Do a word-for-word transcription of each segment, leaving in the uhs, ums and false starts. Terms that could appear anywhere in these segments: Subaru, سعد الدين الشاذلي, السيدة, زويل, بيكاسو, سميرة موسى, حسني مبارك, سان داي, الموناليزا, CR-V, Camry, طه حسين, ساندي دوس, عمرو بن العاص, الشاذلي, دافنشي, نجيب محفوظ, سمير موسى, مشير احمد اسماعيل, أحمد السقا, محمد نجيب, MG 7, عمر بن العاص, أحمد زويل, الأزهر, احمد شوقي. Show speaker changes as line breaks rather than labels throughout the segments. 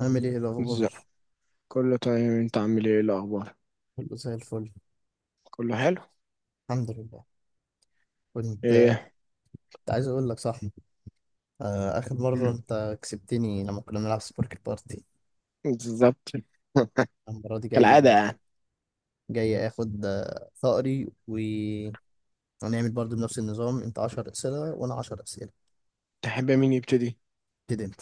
عامل ايه
ازاي؟
الاخبار؟
كله تمام، انت عامل ايه؟ إيه الاخبار؟
كله زي الفل.
كله حلو.
الحمد لله. كنت
ايه؟
كنت عايز اقول لك صح. آه، اخر مره
مم.
انت كسبتني لما كنا بنلعب سبورك بارتي.
بالظبط.
المره دي
كالعاده
جاي
يعني.
جاي اخد آه، ثأري و... ونعمل برضو بنفس النظام، انت عشر اسئله وانا عشر اسئله.
تحب مين يبتدي؟
ابتدي انت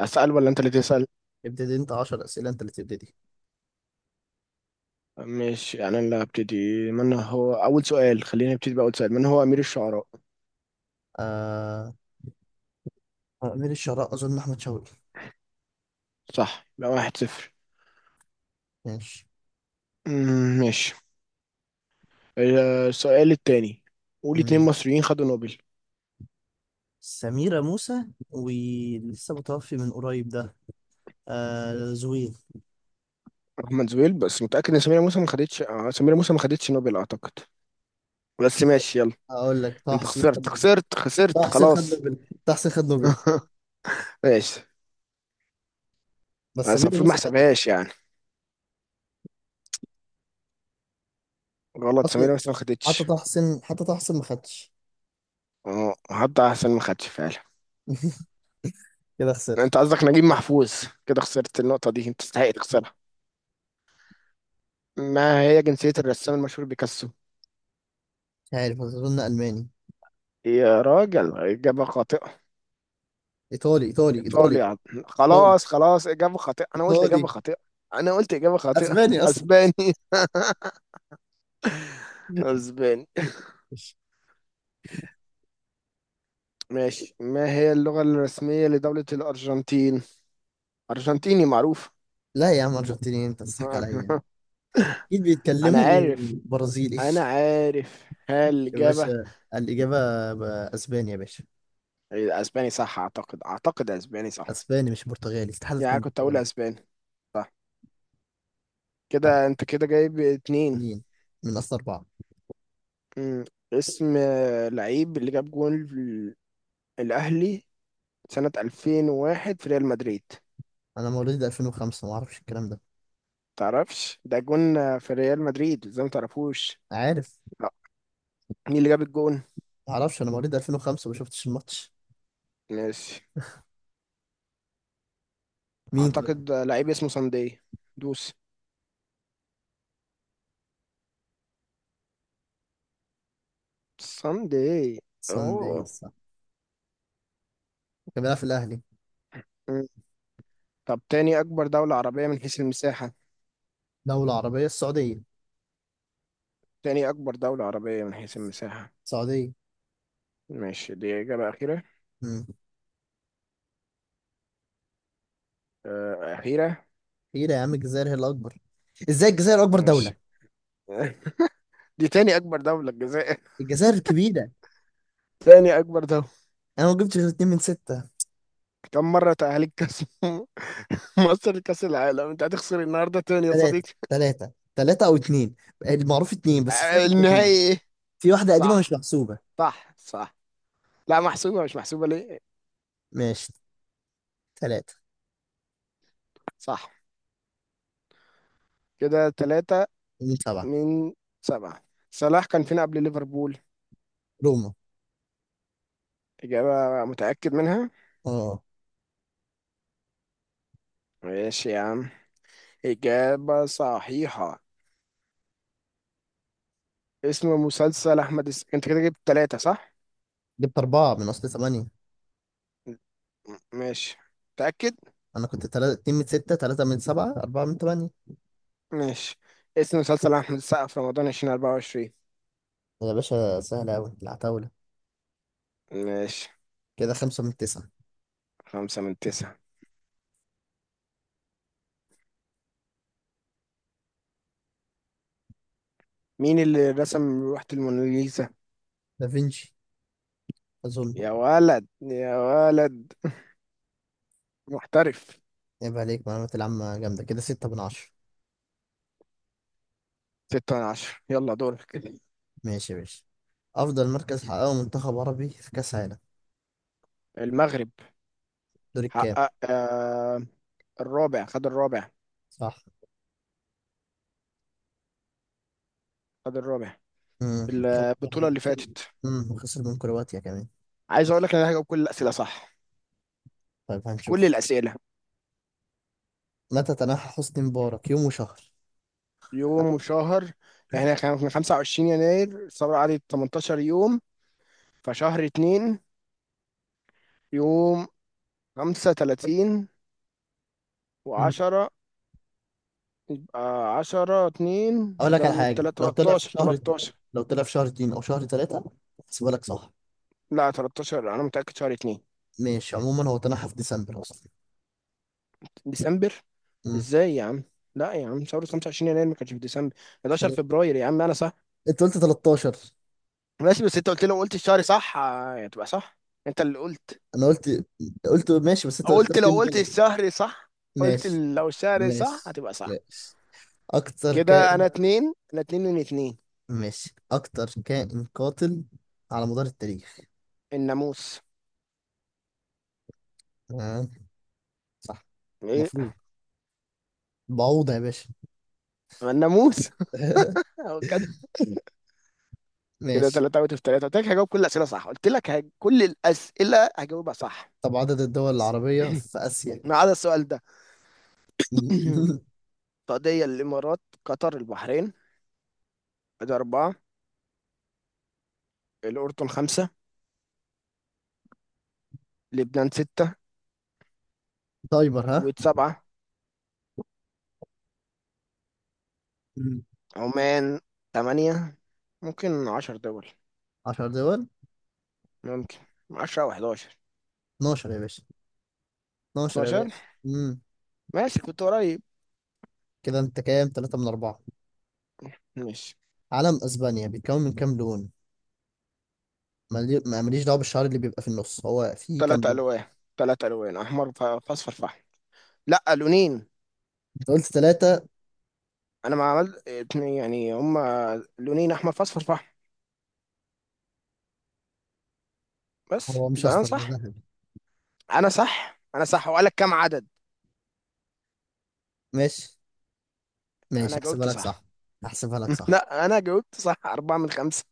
اسال ولا انت اللي تسال؟
ابتدي انت عشر اسئله، انت اللي تبتدي.
مش انا اللي هبتدي. من هو اول سؤال؟ خلينا نبتدي باول سؤال. من هو امير الشعراء؟
آه... امير الشراء اظن احمد شوقي.
صح، يبقى واحد صفر.
ماشي.
مم، ماشي. اه، السؤال التاني. قول اتنين
مم.
مصريين خدوا نوبل.
سميرة موسى. ولسه متوفي من قريب ده، آه زويل.
احمد زويل، بس متاكد ان سمير موسى ما خدتش؟ اه، سمير موسى ما خدتش نوبل اعتقد، بس ماشي يلا.
هقول لك طه
انت
حسين.
خسرت خسرت
طه
خسرت
حسين خد
خلاص.
نوبل. طه حسين خد نوبل.
ماشي،
بس
بس
ميدو
المفروض ما
موسى خد
احسبهاش يعني، غلط.
اصلا.
سمير بس ما
حتى
خدتش.
طه حسين حتى طه حسين ما خدش.
اه، هبدأ احسن ما خدش فعلا.
كده خسرت.
انت قصدك نجيب محفوظ. كده خسرت النقطة دي، انت تستحق
مش
تخسرها. ما هي جنسية الرسام المشهور بيكاسو؟
عارف، اظن الماني.
يا راجل، إجابة خاطئة.
ايطالي ايطالي ايطالي ايطالي
إيطاليا؟ خلاص خلاص، إجابة خاطئة. أنا قلت
ايطالي.
إجابة خاطئة. أنا قلت إجابة خاطئة.
اسباني اصلا.
أسباني؟ أسباني. ماشي. ما هي اللغة الرسمية لدولة الأرجنتين؟ أرجنتيني معروف.
لا يا عم، ارجنتيني؟ انت بتضحك عليا يعني. اكيد
أنا
بيتكلموا
عارف.
برازيلي.
أنا عارف. هل
يا
إجابة
باشا الاجابه ب- اسباني يا باشا.
اسباني صح؟ اعتقد اعتقد اسباني صح.
اسباني مش برتغالي، استحاله
يعني
تكون
كنت اقول
برتغالي.
اسباني. صح.
طيب،
كده انت كده جايب اتنين.
مين من اصل اربعه؟
مم. اسم آه، لعيب اللي جاب جون ال- الاهلي سنة ألفين وواحد في ريال مدريد.
انا مواليد ألفين وخمسة، ما اعرفش الكلام ده.
تعرفش ده؟ جون آه، في ريال مدريد، ازاي ما تعرفوش؟
عارف.
لا. مين اللي جاب الجون؟
معرفش، انا مواليد ألفين وخمسة ما شفتش الماتش.
ماشي.
مين طيب؟
اعتقد آه، لعيب اسمه ساندي دوس ساندي.
سان داي
اوه.
صح. كان بيلعب في الاهلي.
مم. طب، تاني اكبر دولة عربية من حيث المساحة؟
دولة عربية، السعودية.
تاني اكبر دولة عربية من حيث المساحة؟
السعودية.
ماشي، دي إجابة أخيرة؟
امم
آه، أخيرة.
كبيرة يا عم، الجزائر هي الأكبر. ازاي الجزائر أكبر دولة؟
ماشي. دي تاني أكبر دولة الجزائر.
الجزائر كبيرة.
تاني أكبر دولة.
أنا ما جبتش غير اتنين من ستة.
كم مرة تأهلت كأس مصر لكأس العالم؟ أنت هتخسر النهاردة تاني يا
تلاتة
صديقي.
تلاتة تلاتة أو اتنين. المعروف اتنين، بس في
آه،
واحدة قديمة.
النهائي إيه؟
في واحدة قديمة مش
صح
محسوبة.
صح صح. لا محسوبة، مش محسوبة ليه؟
ماشي. تلاتة.
صح. كده تلاتة
اتنين سبعة.
من سبعة. صلاح كان فين قبل ليفربول؟
روما.
إجابة متأكد منها؟
اه.
ماشي يا عم، إجابة صحيحة. اسم مسلسل أحمد الس... أنت كده جبت تلاتة صح؟
جبت أربعة من أصل تمانية.
ماشي. متأكد؟
أنا كنت تلاتة، اتنين من ستة، تلاتة من سبعة، أربعة من تمانية.
ماشي. اسم مسلسل أحمد السقا في رمضان ألفين وأربعة وعشرين؟
يا باشا سهلة أوي العتاولة.
ماشي.
كده خمسة من تسعة.
خمسة من تسعة. مين اللي رسم لوحة الموناليزا؟
دافنشي أظن.
يا ولد يا ولد. محترف.
يبقى عليك معلومات العامة جامدة، كده ستة من عشرة.
ستة من عشرة، يلا دورك.
ماشي يا باشا. أفضل مركز حققه منتخب عربي في كأس عالم؟
المغرب.
دور الكام؟
حقق آه آه، الرابع. خد الرابع.
صح.
خد الرابع
امم
في
كده
البطولة اللي
خسر-
فاتت.
امم وخسر من كرواتيا كمان.
عايز أقول لك إن أنا هجاوب كل الأسئلة صح.
طيب
كل
هنشوف.
الأسئلة.
متى تنحى حسني مبارك، يوم وشهر؟
يوم وشهر. احنا كان من خمسة وعشرين يناير، صار علي تمنتاشر يوم، فشهر اتنين. يوم خمسة تلاتين
امم
وعشرة. يبقى عشرة اتنين
أقول لك على
زود
حاجة،
تلاتة،
لو طلع في
تلاتاشر.
شهر اتنين-
تلاتاشر.
لو طلع في شهر اتنين أو شهر تلاتة أحسبها لك صح.
لا تلاتاشر، أنا متأكد شهر اتنين.
ماشي، عموما هو تنحى في ديسمبر أصلا.
ديسمبر؟
امم
ازاي يا عم؟ لا يا عم، شهر خمسة وعشرين يناير ما كانش في ديسمبر. حداشر
حداشر.
فبراير يا عم، أنا صح.
أنت قلت تلاتاشر.
ماشي، بس أنت قلت لو قلت الشهر صح آه، هتبقى صح. أنت اللي قلت.
أنا قلت قلت ماشي، بس أنت
قلت
كتبت
لو
يوم
قلت
غلط.
الشهر صح. قلت
ماشي
لو الشهر صح
ماشي
هتبقى صح.
ماشي. أكتر
كده
كائن
أنا اتنين، أنا اتنين من اتنين.
ماشي، أكتر كائن قاتل على مدار التاريخ؟
الناموس.
آه. صح.
ايه
المفروض بعوضة يا باشا.
الناموس. هو كده. كده
ماشي.
تلاتة اوت اوف تلاتة، قلت لك هجاوب كل الأسئلة صح، قلت لك هج... كل الأسئلة هجاوبها صح.
طب عدد الدول العربية في آسيا؟
ما عدا السؤال ده. السعودية، الإمارات، قطر، البحرين. ده أربعة. الأردن خمسة. لبنان ستة.
تايمر ها.
الكويت سبعة.
مم.
عمان تمانية. ممكن عشر دول.
عشر دول.
ممكن عشرة أو حداشر.
اتناشر يا باشا، اثنا عشر يا
اتناشر؟
باشا. مم.
ماشي، كنت قريب.
كده أنت كام، تلاتة من أربعة.
ماشي.
علم أسبانيا بيتكون من كام لون؟ مالي- ما ماليش دعوة بالشعر اللي بيبقى في النص، هو فيه كام
تلات
لون؟
ألوان. تلات ألوان، أحمر ف- فأصفر فحم. لا لونين.
أنت قلت تلاتة.
أنا ما عملت اتنين يعني، هما لونين، أحمر فأصفر فحم. بس
هو مش
يبقى أنا
أصفر ده
صح.
ذهبي.
انا صح انا صح، وقالك كام عدد.
ماشي ماشي،
انا
احسبها
جاوبت
لك
صح.
صح. احسبها لك صح.
لا انا جاوبت صح. أربعة من خمسة.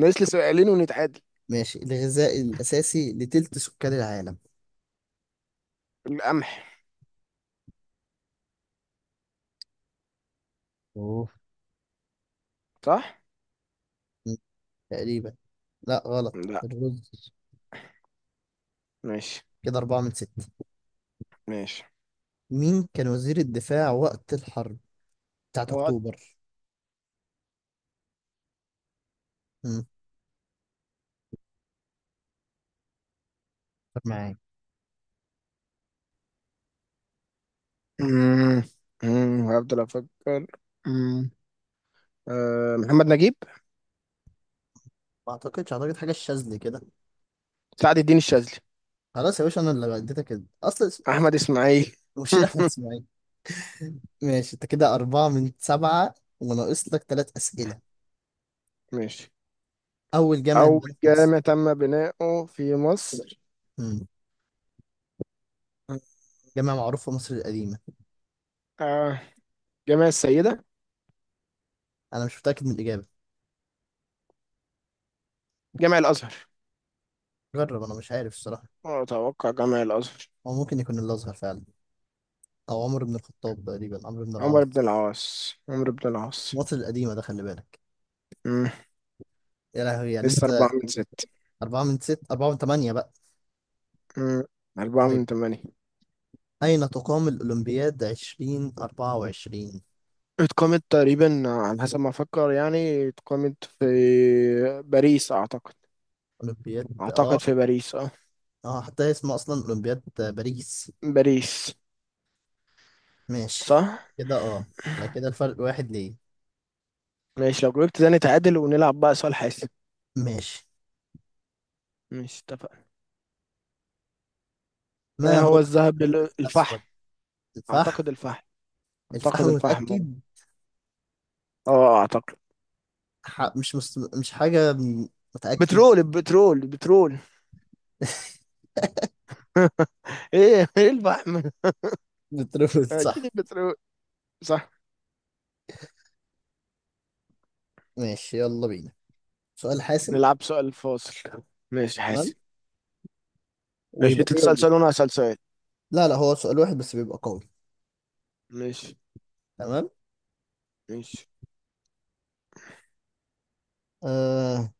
ناقص لي سؤالين ونتعادل.
ماشي. الغذاء الأساسي لتلت سكان العالم؟
القمح.
اوف.
صح.
م، تقريبا. لا غلط.
لا.
الرز.
ماشي.
كده أربعة من ستة.
ماشي.
مين كان وزير الدفاع وقت الحرب بتاعت
وقت.
أكتوبر؟ م، معاك.
مم. مم. هفضل افكر. مم. أه، محمد نجيب.
ما أعتقدش، أعتقد حاجة الشاذلي كده.
سعد الدين الشاذلي.
خلاص يا باشا، أنا اللي اديتك ال- أصلا اس-
احمد اسماعيل.
مشير أحمد إسماعيل. ماشي، أنت كده أربعة من سبعة، وناقص لك ثلاث أسئلة.
ماشي.
أول جامعة
اول
اتبنت في مصر؟
جامع تم بناؤه في مصر.
م، جامعة معروفة في مصر القديمة.
أه، جامع السيدة.
أنا مش متأكد من الإجابة.
جامع الازهر.
جرب، أنا مش عارف الصراحة.
اتوقع جامع الازهر.
هو ممكن يكون اللي أصغر فعلا. أو عمر بن الخطاب، تقريبا عمرو بن
عمر بن
العاص.
العاص. عمر بن العاص.
مصر القديمة ده، خلي بالك. يا لهوي يعني
لسه
أنت.
أربعة من ست.
أربعة من ست، أربعة من تمانية بقى.
مم. أربعة
طيب،
من تمانية.
أين تقام الأولمبياد عشرين أربعة وعشرين؟
اتقامت تقريبا على حسب ما أفكر يعني، اتقامت في باريس أعتقد.
أولمبياد،
أعتقد
أه
في باريس اه.
أه حتى هي اسمها أصلا أولمبياد باريس.
باريس.
ماشي،
صح؟
كده أه يبقى كده الفرق واحد ليه.
ماشي، لو جاوبت ده نتعادل ونلعب بقى سؤال حاسم.
ماشي.
ماشي اتفقنا.
ما
ما
هو؟
هو
اللون
الذهب ال- الفحم.
الأسود، الفحم.
أعتقد الفحم.
الفحم
أعتقد الفحم اه.
متأكد.
آه، أعتقد.
ح- مش مست... مش حاجة م- متأكد.
بترول بترول بترول. ايه ايه الفحم.
بترفض
اكيد
صح.
البترول. صح.
ماشي، يلا بينا، سؤال حاسم.
نلعب سؤال فاصل. ماشي حاسم.
تمام،
ماشي،
ويبقى
انت
دي
تسأل
ودي.
سؤال وانا هسأل سؤال.
لا لا، هو سؤال واحد بس بيبقى قوي.
ماشي.
تمام.
ماشي.
آه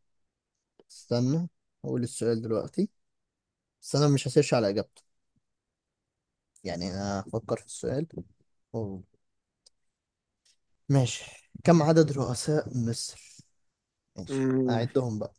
استنى، هقول السؤال دلوقتي. بس انا مش هسيرش على اجابته، يعني انا هفكر في السؤال. أوه. ماشي، كم عدد رؤساء مصر؟ ماشي،
أمم.
أعدهم بقى.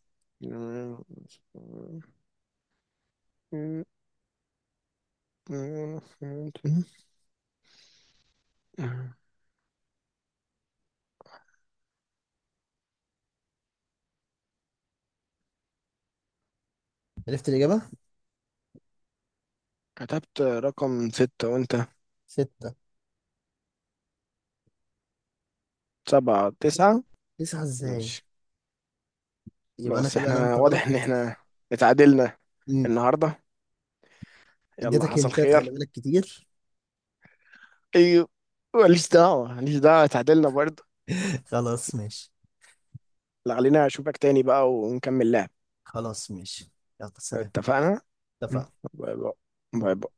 عرفت الإجابة.
كتبت رقم ستة وانت.
ستة.
سبعة تسعة.
تسعة إزاي؟
ماشي.
يبقى أنا
خلاص،
كده
احنا
نمت غلط.
واضح ان احنا اتعادلنا
مم.
النهاردة. يلا
اديتك
حصل
هنتات، خلي
خير.
بالك كتير.
ايوه. ماليش دعوة ماليش دعوة، اتعادلنا برضه.
خلاص ماشي.
لا، خلينا اشوفك تاني بقى ونكمل لعب.
خلاص ماشي. يلا سلام.
اتفقنا.
اتفقنا.
باي باي. باي
باي.
باي.